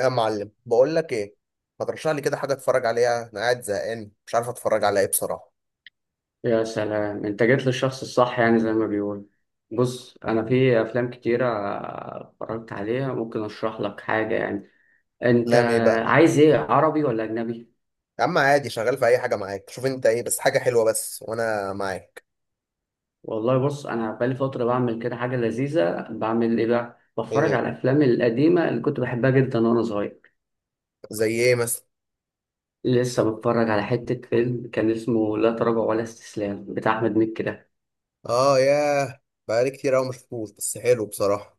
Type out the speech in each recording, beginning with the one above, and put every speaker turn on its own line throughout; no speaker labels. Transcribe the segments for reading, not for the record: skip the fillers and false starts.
يا معلم بقول لك ايه. ما ترشح لي كده حاجه اتفرج عليها، انا قاعد زهقان مش عارف اتفرج على ايه بصراحه.
يا سلام، انت جيت للشخص الصح، يعني زي ما بيقول. بص، انا في افلام كتيرة اتفرجت عليها، ممكن اشرح لك حاجة يعني. انت
لا ايه بقى.
عايز ايه، عربي ولا اجنبي؟
يا عم عادي، شغال في اي حاجه معاك، شوف انت ايه بس حاجه حلوه، بس وانا معاك.
والله بص، انا بقالي فترة بعمل كده حاجة لذيذة. بعمل ايه بقى؟
ايه
بتفرج
هي؟
على الافلام القديمة اللي كنت بحبها جدا وانا صغير.
زي ايه مثلا.
لسه بتفرج على حتة فيلم كان اسمه لا تراجع ولا استسلام بتاع احمد مكي ده.
اه ياه، بقالي كتير قوي ما شفتوش بس حلو بصراحه.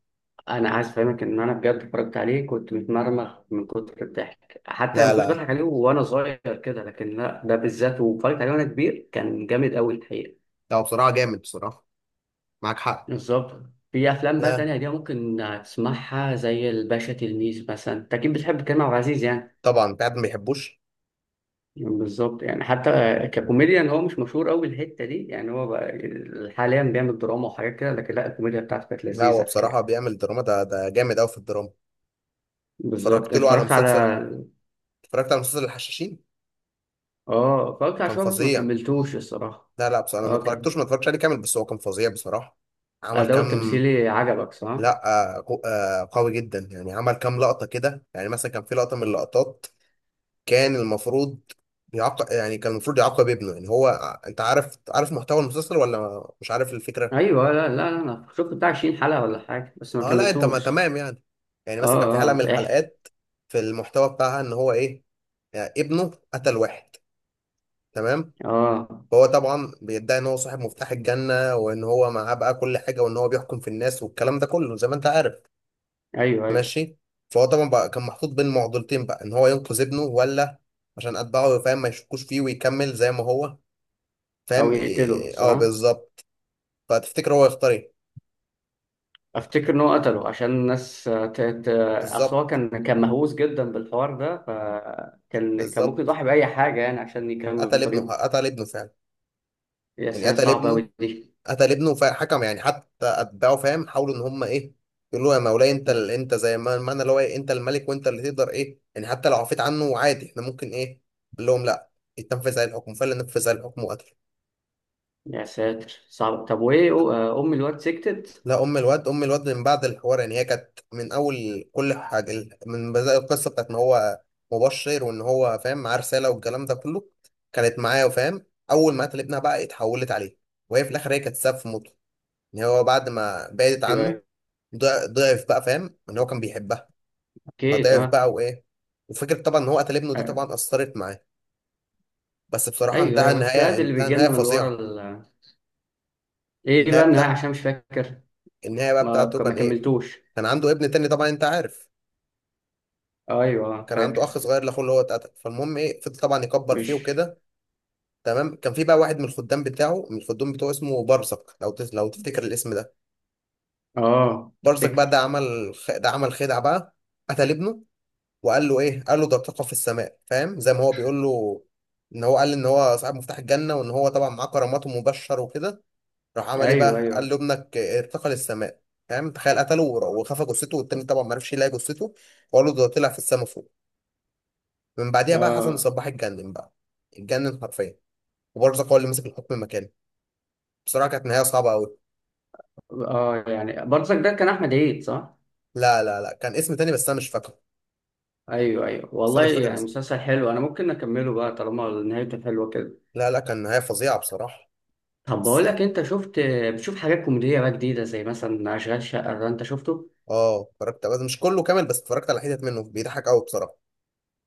انا عايز افهمك ان انا بجد اتفرجت عليه، كنت متمرمغ من كتر الضحك. حتى ما
لا
كنتش
لا
بضحك عليه وانا صغير كده، لكن لا ده بالذات، واتفرجت عليه وانا كبير، كان جامد قوي الحقيقه.
لا، هو بصراحه جامد بصراحه، معاك حق.
بالظبط. في افلام بقى
لا
تانية دي ممكن تسمعها، زي الباشا تلميذ مثلا. انت اكيد بتحب كريم عبد العزيز يعني.
طبعا، انت قاعد ما بيحبوش.
بالظبط. يعني حتى ككوميديان هو مش مشهور قوي الحته دي، يعني هو بقى حاليا بيعمل دراما وحاجات كده، لكن لا، الكوميديا بتاعته كانت
لا هو
لذيذه
بصراحه
الحقيقه.
بيعمل دراما، ده جامد قوي في الدراما.
بالظبط
اتفرجت له على
اتفرجت على.
مسلسل. اتفرجت على مسلسل الحشاشين،
اه اتفرجت على
كان
شوية بس ما
فظيع.
كملتوش الصراحة.
لا لا، بصراحة أنا ما
اه كان.
اتفرجتوش، ما اتفرجتش عليه كامل بس هو كان فظيع بصراحة. عمل
الأداء
كام.
التمثيلي عجبك صح؟
لا قوي جدا يعني، عمل كام لقطة كده، يعني مثلا كان في لقطة من اللقطات كان المفروض، يعاقب يعني كان المفروض يعاقب ابنه، يعني هو انت عارف، عارف محتوى المسلسل ولا مش عارف الفكرة؟
أيوه. لا لا لا، أنا شفت بتاع 20 حلقة ولا حاجة بس ما
اه لا انت ما
كملتوش.
تمام يعني. يعني
اه،
مثلا كان في حلقة من
اه احكي.
الحلقات، في المحتوى بتاعها ان هو ايه، يعني ابنه قتل واحد، تمام.
اه.
هو طبعا بيدعي ان هو صاحب مفتاح الجنة، وان هو معاه بقى كل حاجة، وان هو بيحكم في الناس والكلام ده كله زي ما انت عارف.
أيوه أيوه.
ماشي. فهو طبعا بقى كان محطوط بين معضلتين بقى، ان هو ينقذ ابنه ولا عشان اتباعه فاهم ما يشكوش فيه ويكمل زي ما هو،
أو
فاهم
يقتله
إيه، اه
صح؟
بالظبط. فتفتكر هو يختار ايه.
أفتكر إن هو قتله عشان الناس، أصل هو
بالظبط،
كان مهووس جدا بالحوار ده، فكان ممكن
بالظبط،
يضحي بأي حاجة يعني عشان يكمل
قتل ابنه،
طريقه.
قتل ابنه فعلا.
يا
يعني
ساتر
قتل
صعبة
ابنه،
أوي دي.
قتل ابنه فحكم، يعني حتى اتباعه فاهم حاولوا ان هم ايه، يقولوا له يا مولاي انت ال... انت زي ما المعنى اللي هو إيه؟ انت الملك وانت اللي تقدر ايه، يعني حتى لو عفيت عنه عادي، احنا ممكن ايه. قال لهم لا، يتنفذ عليه الحكم. فعلا نفذ عليه الحكم وقتله.
يا ساتر صعبة. طب وإيه أم الواد سكتت؟
لا ام الواد، ام الواد من بعد الحوار، يعني هي كانت من اول كل حاجه من بدايه القصه بتاعت ان هو مبشر وان هو فاهم معاه رساله والكلام ده كله، كانت معاه وفاهم. اول ما قتل ابنها بقى اتحولت عليه، وهي في الاخر هي كانت سبب في موته. ان هو بعد ما بعدت
أيوه
عنه
أيوه.
ضعف بقى، فاهم ان هو كان بيحبها،
أوكي
فضعف
تمام.
بقى وايه، وفكره طبعا ان هو قتل ابنه دي
ايوه
طبعا اثرت معاه. بس بصراحه انتهى
ايوه، بس ده
النهايه،
اللي
انتهى
بيجي
نهايه
لنا من ورا
فظيعه.
ايه
النهايه
بقى النهايه؟
بتاع،
عشان مش فاكر.
النهايه بقى
ما
بتاعته كان
ما
ايه،
كملتوش.
كان عنده ابن تاني طبعا انت عارف،
ايوه
كان عنده
فاكر.
اخ صغير لاخوه اللي هو اتقتل، فالمهم ايه، فضل طبعا يكبر فيه
مش.
وكده، تمام. كان في بقى واحد من الخدام بتاعه، من الخدام بتوعه اسمه برزق، لو تس... لو تفتكر الاسم ده.
اه
برزق بقى
افتكر.
ده عمل خ... ده عمل خدعه بقى، قتل ابنه وقال له ايه، قال له ده طاقه في السماء، فاهم زي ما هو بيقول له ان هو قال ان هو صاحب مفتاح الجنه وان هو طبعا معاه كرامات ومبشر وكده، راح عمل ايه
ايوه
بقى، قال
ايوه.
له ابنك ارتقى للسماء. فاهم تخيل قتله وخفى جثته، والتاني طبعا ما عرفش يلاقي جثته، وقال له ده طلع في السماء فوق. من بعديها بقى حسن
اه
الصباح اتجنن بقى، اتجنن حرفيا. وبرزق هو اللي مسك الحكم مكانه. بصراحه كانت نهايه صعبه قوي.
اه. يعني برضك ده كان احمد عيد صح؟
لا لا لا، كان اسم تاني بس انا مش فاكره.
ايوه ايوه،
بس
والله
انا مش فاكر
يعني
اسمه.
مسلسل حلو، انا ممكن اكمله بقى طالما نهايته حلوه كده.
لا لا، كان نهايه فظيعه بصراحه.
طب
بس
بقول لك، انت شفت؟ بتشوف حاجات كوميديه بقى جديده، زي مثلا اشغال شقه ده، انت شفته؟
اه اتفرجت، بس مش كله كامل، بس اتفرجت على حتت منه، بيضحك قوي بصراحه،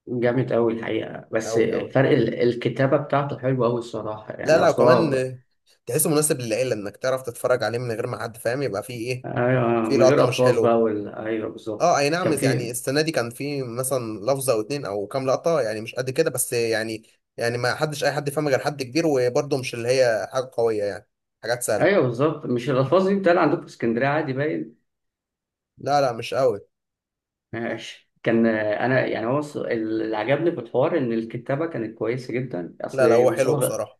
جامد قوي الحقيقه بس.
قوي قوي.
فرق الكتابه بتاعته حلوه قوي الصراحه
لا
يعني
لا، وكمان
اصلا.
تحسه مناسب للعيله، انك تعرف تتفرج عليه من غير ما حد فاهم يبقى فيه ايه،
ايوه،
فيه
من غير
لقطه مش
الفاظ بقى
حلوه.
ايوه بالظبط.
اه اي نعم،
كان
يعني
في.
السنه دي كان فيه مثلا لفظه او اتنين او كام لقطه، يعني مش قد كده بس يعني، يعني ما حدش اي حد فاهم غير حد كبير، وبرضه مش اللي هي حاجه قويه يعني، حاجات
ايوه
سهله.
بالظبط، مش الالفاظ دي بتتقال عندكم في اسكندريه عادي، باين.
لا لا مش قوي.
ماشي كان انا يعني هو اللي عجبني في الحوار ان الكتابه كانت كويسه جدا.
لا لا، هو
اصل
حلو بصراحه.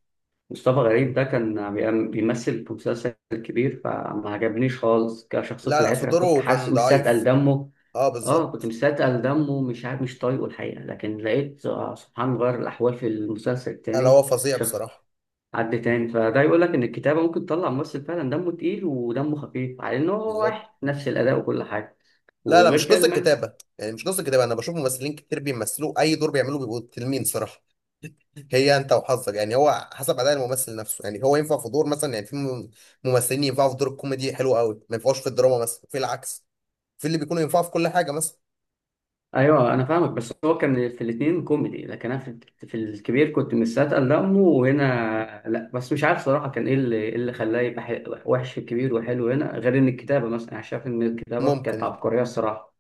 مصطفى غريب ده كان بيمثل في مسلسل كبير، فما عجبنيش خالص كشخصيه
لا لا، في
العتره، كنت
دوره
حاسس
كان
مستثقل
ضعيف.
دمه.
اه
اه كنت
بالظبط.
مستثقل دمه، مش عارف مش طايقه الحقيقه. لكن لقيت سبحان غير الاحوال في المسلسل
لا لا،
التاني.
هو فظيع بصراحه.
حد تاني، فده يقول لك ان الكتابه ممكن تطلع ممثل فعلا دمه تقيل ودمه خفيف على انه هو
بالظبط.
واحد، نفس الاداء وكل حاجه.
لا لا، مش
وغير كده
قصة
كمان.
كتابة، يعني مش قصة كتابة. أنا بشوف ممثلين كتير بيمثلوا أي دور بيعملوه بيبقوا تلمين صراحة. هي أنت وحظك، يعني هو حسب أداء الممثل نفسه. يعني هو ينفع في دور مثلا، يعني في ممثلين ينفعوا في دور الكوميدي حلو قوي، ما ينفعوش في الدراما مثلا، في العكس، في اللي بيكونوا ينفعوا في كل حاجة مثلا.
ايوه انا فاهمك، بس هو كان في الاثنين كوميدي، لكن انا في الكبير كنت مستثقل دمه وهنا لا. بس مش عارف صراحه كان ايه اللي إيه اللي خلاه يبقى وحش في الكبير وحلو هنا. غير ان الكتابه، مثلا انا شايف ان الكتابه كانت
ممكن.
عبقريه الصراحه.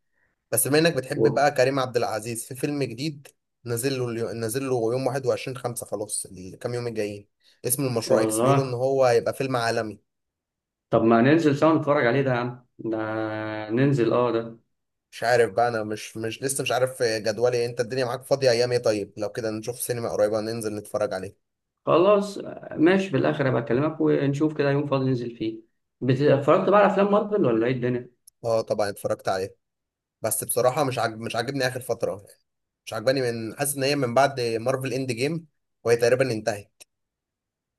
بس بما إنك بتحب بقى
و-
كريم عبد العزيز، في فيلم جديد نازل له نازل له يوم 21 5، خلاص الكام يوم الجايين. اسم المشروع إكس، بيقولوا إن
والله.
هو هيبقى فيلم عالمي.
طب ما ننزل سوا نتفرج عليه ده يا عم ده، ننزل اه ده.
مش عارف بقى، انا مش لسه مش عارف جدولي إيه. انت الدنيا معاك فاضية ايام ايه؟ طيب لو كده نشوف سينما قريبة ننزل نتفرج عليه.
خلاص ماشي، في الاخر هبقى اكلمك، ونشوف كده يوم فاضي ننزل فيه. اتفرجت بقى على افلام مارفل ولا ايه الدنيا؟
اه طبعا اتفرجت عليه، بس بصراحة مش عاجبني اخر فترة، مش عجباني من، حاسس ان هي من بعد مارفل اند جيم وهي تقريبا انتهت.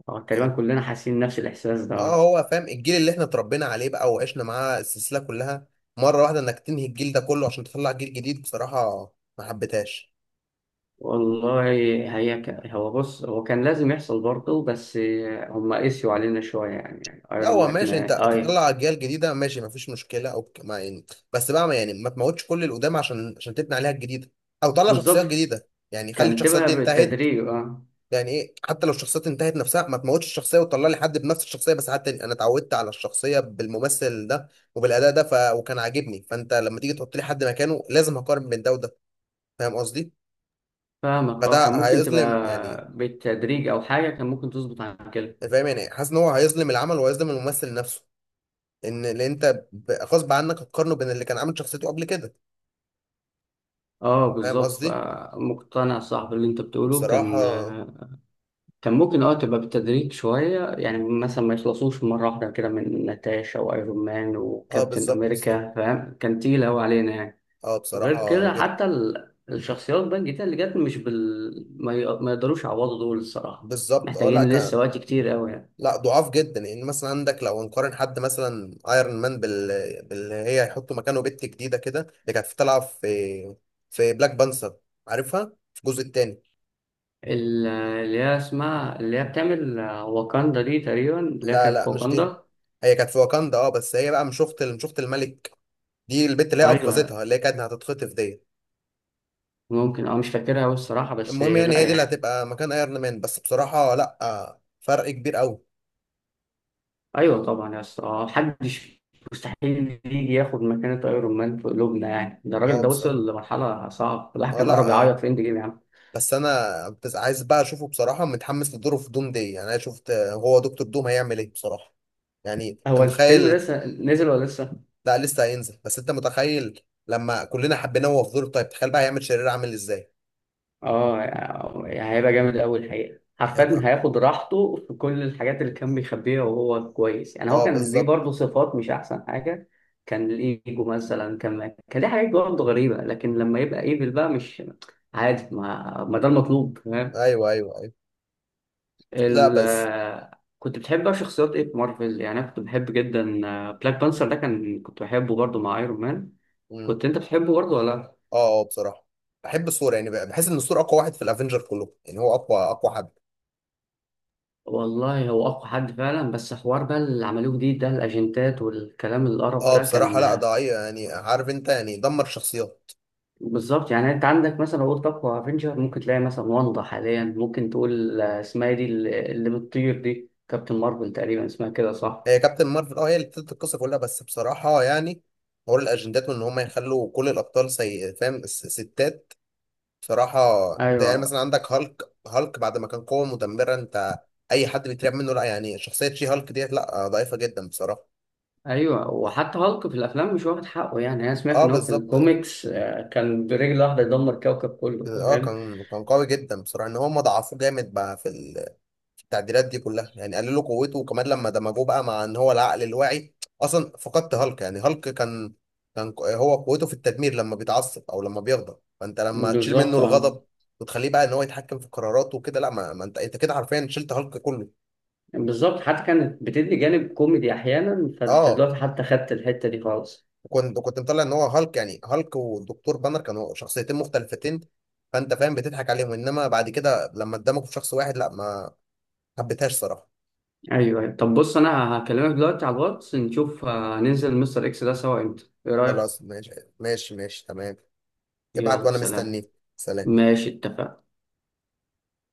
اه تقريبا
يعني،
كلنا حاسين نفس الاحساس
اه
ده.
هو فاهم، الجيل اللي احنا اتربينا عليه بقى وعشنا معاه السلسلة كلها، مرة واحدة انك تنهي الجيل ده كله عشان تطلع جيل جديد، بصراحة ما حبيتهاش.
والله. هي هو بص، هو كان لازم يحصل برضه، بس هم قسيوا علينا شويه يعني، يعني
لا
ايرون
هو
مان
ماشي، انت
ما... اي
تطلع اجيال جديده ماشي مفيش مشكله، او ما يعني، بس بقى ما يعني ما تموتش كل القدام عشان تبني عليها الجديده، او طلع شخصيات
بالظبط،
جديده، يعني خلي
كان
الشخصيات دي
تبقى
انتهت.
بالتدريج اه.
يعني ايه حتى لو الشخصيات انتهت نفسها، ما تموتش الشخصيه وتطلع لي حد بنفس الشخصيه، بس حتى انا اتعودت على الشخصيه بالممثل ده وبالاداء ده، ف... وكان عاجبني. فانت لما تيجي تحط لي حد مكانه، لازم هقارن بين ده وده، فاهم قصدي.
فاهمك، اه كان
فده
ممكن
هيظلم يعني،
تبقى بالتدريج او حاجه، كان ممكن تظبط عن كده.
فاهم، يعني حاسس ان هو هيظلم العمل وهيظلم الممثل نفسه، ان اللي انت غصب عنك هتقارنه بين اللي كان عامل شخصيته قبل كده،
اه
فاهم
بالظبط،
قصدي،
فمقتنع صاحب اللي انت بتقوله.
بصراحه.
كان ممكن اه تبقى بالتدريج شوية، يعني مثلا ما يخلصوش مرة واحدة كده من ناتاشا وايرون مان
اه
وكابتن
بالظبط.
امريكا فاهم، كان تقيل اوي علينا يعني.
اه
وغير
بصراحه
كده،
جدا.
حتى الشخصيات بقى الجديدة اللي جت مش بال ما يقدروش يعوضوا دول الصراحة،
بالظبط. اه لا
محتاجين
كان.
لسه وقت كتير اوي يعني.
لا ضعاف جدا، يعني مثلا عندك لو هنقارن حد مثلا ايرون مان بال... باللي هي هيحطوا مكانه بنت جديده كده، اللي كانت طالعه في، في بلاك بانثر، عارفها في الجزء الثاني.
اللي هي اسمها، اللي هي بتعمل واكاندا دي تقريبا، اللي هي
لا
كانت
لا
في
مش دي،
واكاندا.
هي كانت في واكاندا اه، بس هي بقى مش اخت الملك، دي البت اللي هي
ايوه
انقذتها، اللي هي كانت هتتخطف ديت.
ممكن، اه مش فاكرها اوي الصراحة، بس
المهم يعني
لا
هي دي اللي
يعني.
هتبقى مكان ايرون مان، بس بصراحة لا فرق كبير قوي.
ايوه طبعا يا اسطى، محدش مستحيل يجي ياخد مكانة ايرون مان في قلوبنا يعني، ده الراجل
اه
ده
بس اه،
وصل لمرحلة صعبة، الواحد
آه،
كان قرب
لا آه.
يعيط في اند جيم يا عم.
بس انا بس عايز بقى اشوفه، بصراحة متحمس لدوره في دوم دي. يعني انا شفت هو دكتور دوم هيعمل ايه بصراحة، يعني انت
هو الفيلم
متخيل.
لسه نزل ولا لسه؟
لا لسه هينزل، بس انت متخيل لما كلنا حبيناه وهو في دور طيب، تخيل بقى هيعمل شرير عامل ازاي.
اه. يعني هيبقى جامد أوي الحقيقة، حرفيا
هيبقى،
هياخد راحته في كل الحاجات اللي كان بيخبيها وهو كويس، يعني هو
اه
كان ليه
بالظبط.
برضه صفات مش أحسن حاجة. كان الإيجو مثلا، كان ليه حاجات برضه غريبة، لكن لما يبقى إيفل بقى مش عادي ما ده المطلوب.
ايوه ايوه ايوه. لا
ال
بس.
كنت بتحب بقى شخصيات ايه في مارفل؟ يعني انا كنت بحب جدا بلاك بانثر ده، كان كنت بحبه برضه مع ايرون مان.
مم.
كنت انت بتحبه برضه ولا لا؟
اه اه بصراحة بحب الثور، يعني بحس ان الثور اقوى واحد في الافنجر كله، يعني هو اقوى حد.
والله هو اقوى حد فعلا، بس حوار بقى اللي عملوه جديد ده، الاجنتات والكلام القرف
اه
ده
بصراحة
كان
لا ضعيف، يعني عارف انت يعني دمر شخصيات.
بالظبط. يعني انت عندك مثلا لو قلت اقوى افنجر، ممكن تلاقي مثلا واندا حاليا، ممكن تقول اسمها إيه دي اللي بتطير دي، كابتن مارفل تقريبا اسمها كده صح؟
هي كابتن مارفل اه، هي اللي ابتدت القصة كلها، بس بصراحة يعني حوار الأجندات وإن هما يخلوا كل الأبطال سي، فاهم، ستات، بصراحة. ده يعني
ايوه
مثلا عندك هالك بعد ما كان قوة مدمرة أنت، أي حد بيترعب منه، لا يعني شخصية شي هالك ديت لا، ضعيفة جدا بصراحة.
ايوه، وحتى هالك في الافلام مش واخد حقه، يعني انا سمعت
اه
ان هو في
بالظبط.
الكوميكس كان برجل واحده يدمر كوكب كله
اه
فاهم.
كان، كان قوي جدا بصراحة، إن هما ضعفوه جامد بقى في التعديلات دي كلها، يعني قللوا قوته، وكمان لما دمجوه بقى مع ان هو العقل الواعي، اصلا فقدت هالك. يعني هالك كان، هو قوته في التدمير لما بيتعصب او لما بيغضب، فانت لما تشيل منه
بالظبط. اه
الغضب وتخليه بقى ان هو يتحكم في قراراته وكده، لا ما انت، انت كده حرفيا شلت هالك كله.
بالظبط، حتى كانت بتدي جانب كوميدي احيانا، فانت
اه
دلوقتي حتى خدت الحته دي خالص.
كنت، كنت مطلع ان هو هالك، يعني هالك والدكتور بانر كانوا شخصيتين مختلفتين، فانت فاهم بتضحك عليهم، انما بعد كده لما اتدمجوا في شخص واحد، لا ما حبيتهاش صراحة.
ايوه أيوة. طب بص، انا هكلمك دلوقتي على الواتس نشوف ننزل مستر اكس ده سوا امتى، ايه رايك؟
خلاص ماشي. ماشي ماشي تمام. ابعت
يلا
وانا
سلام.
مستنيك. سلام.
ماشي اتفقنا.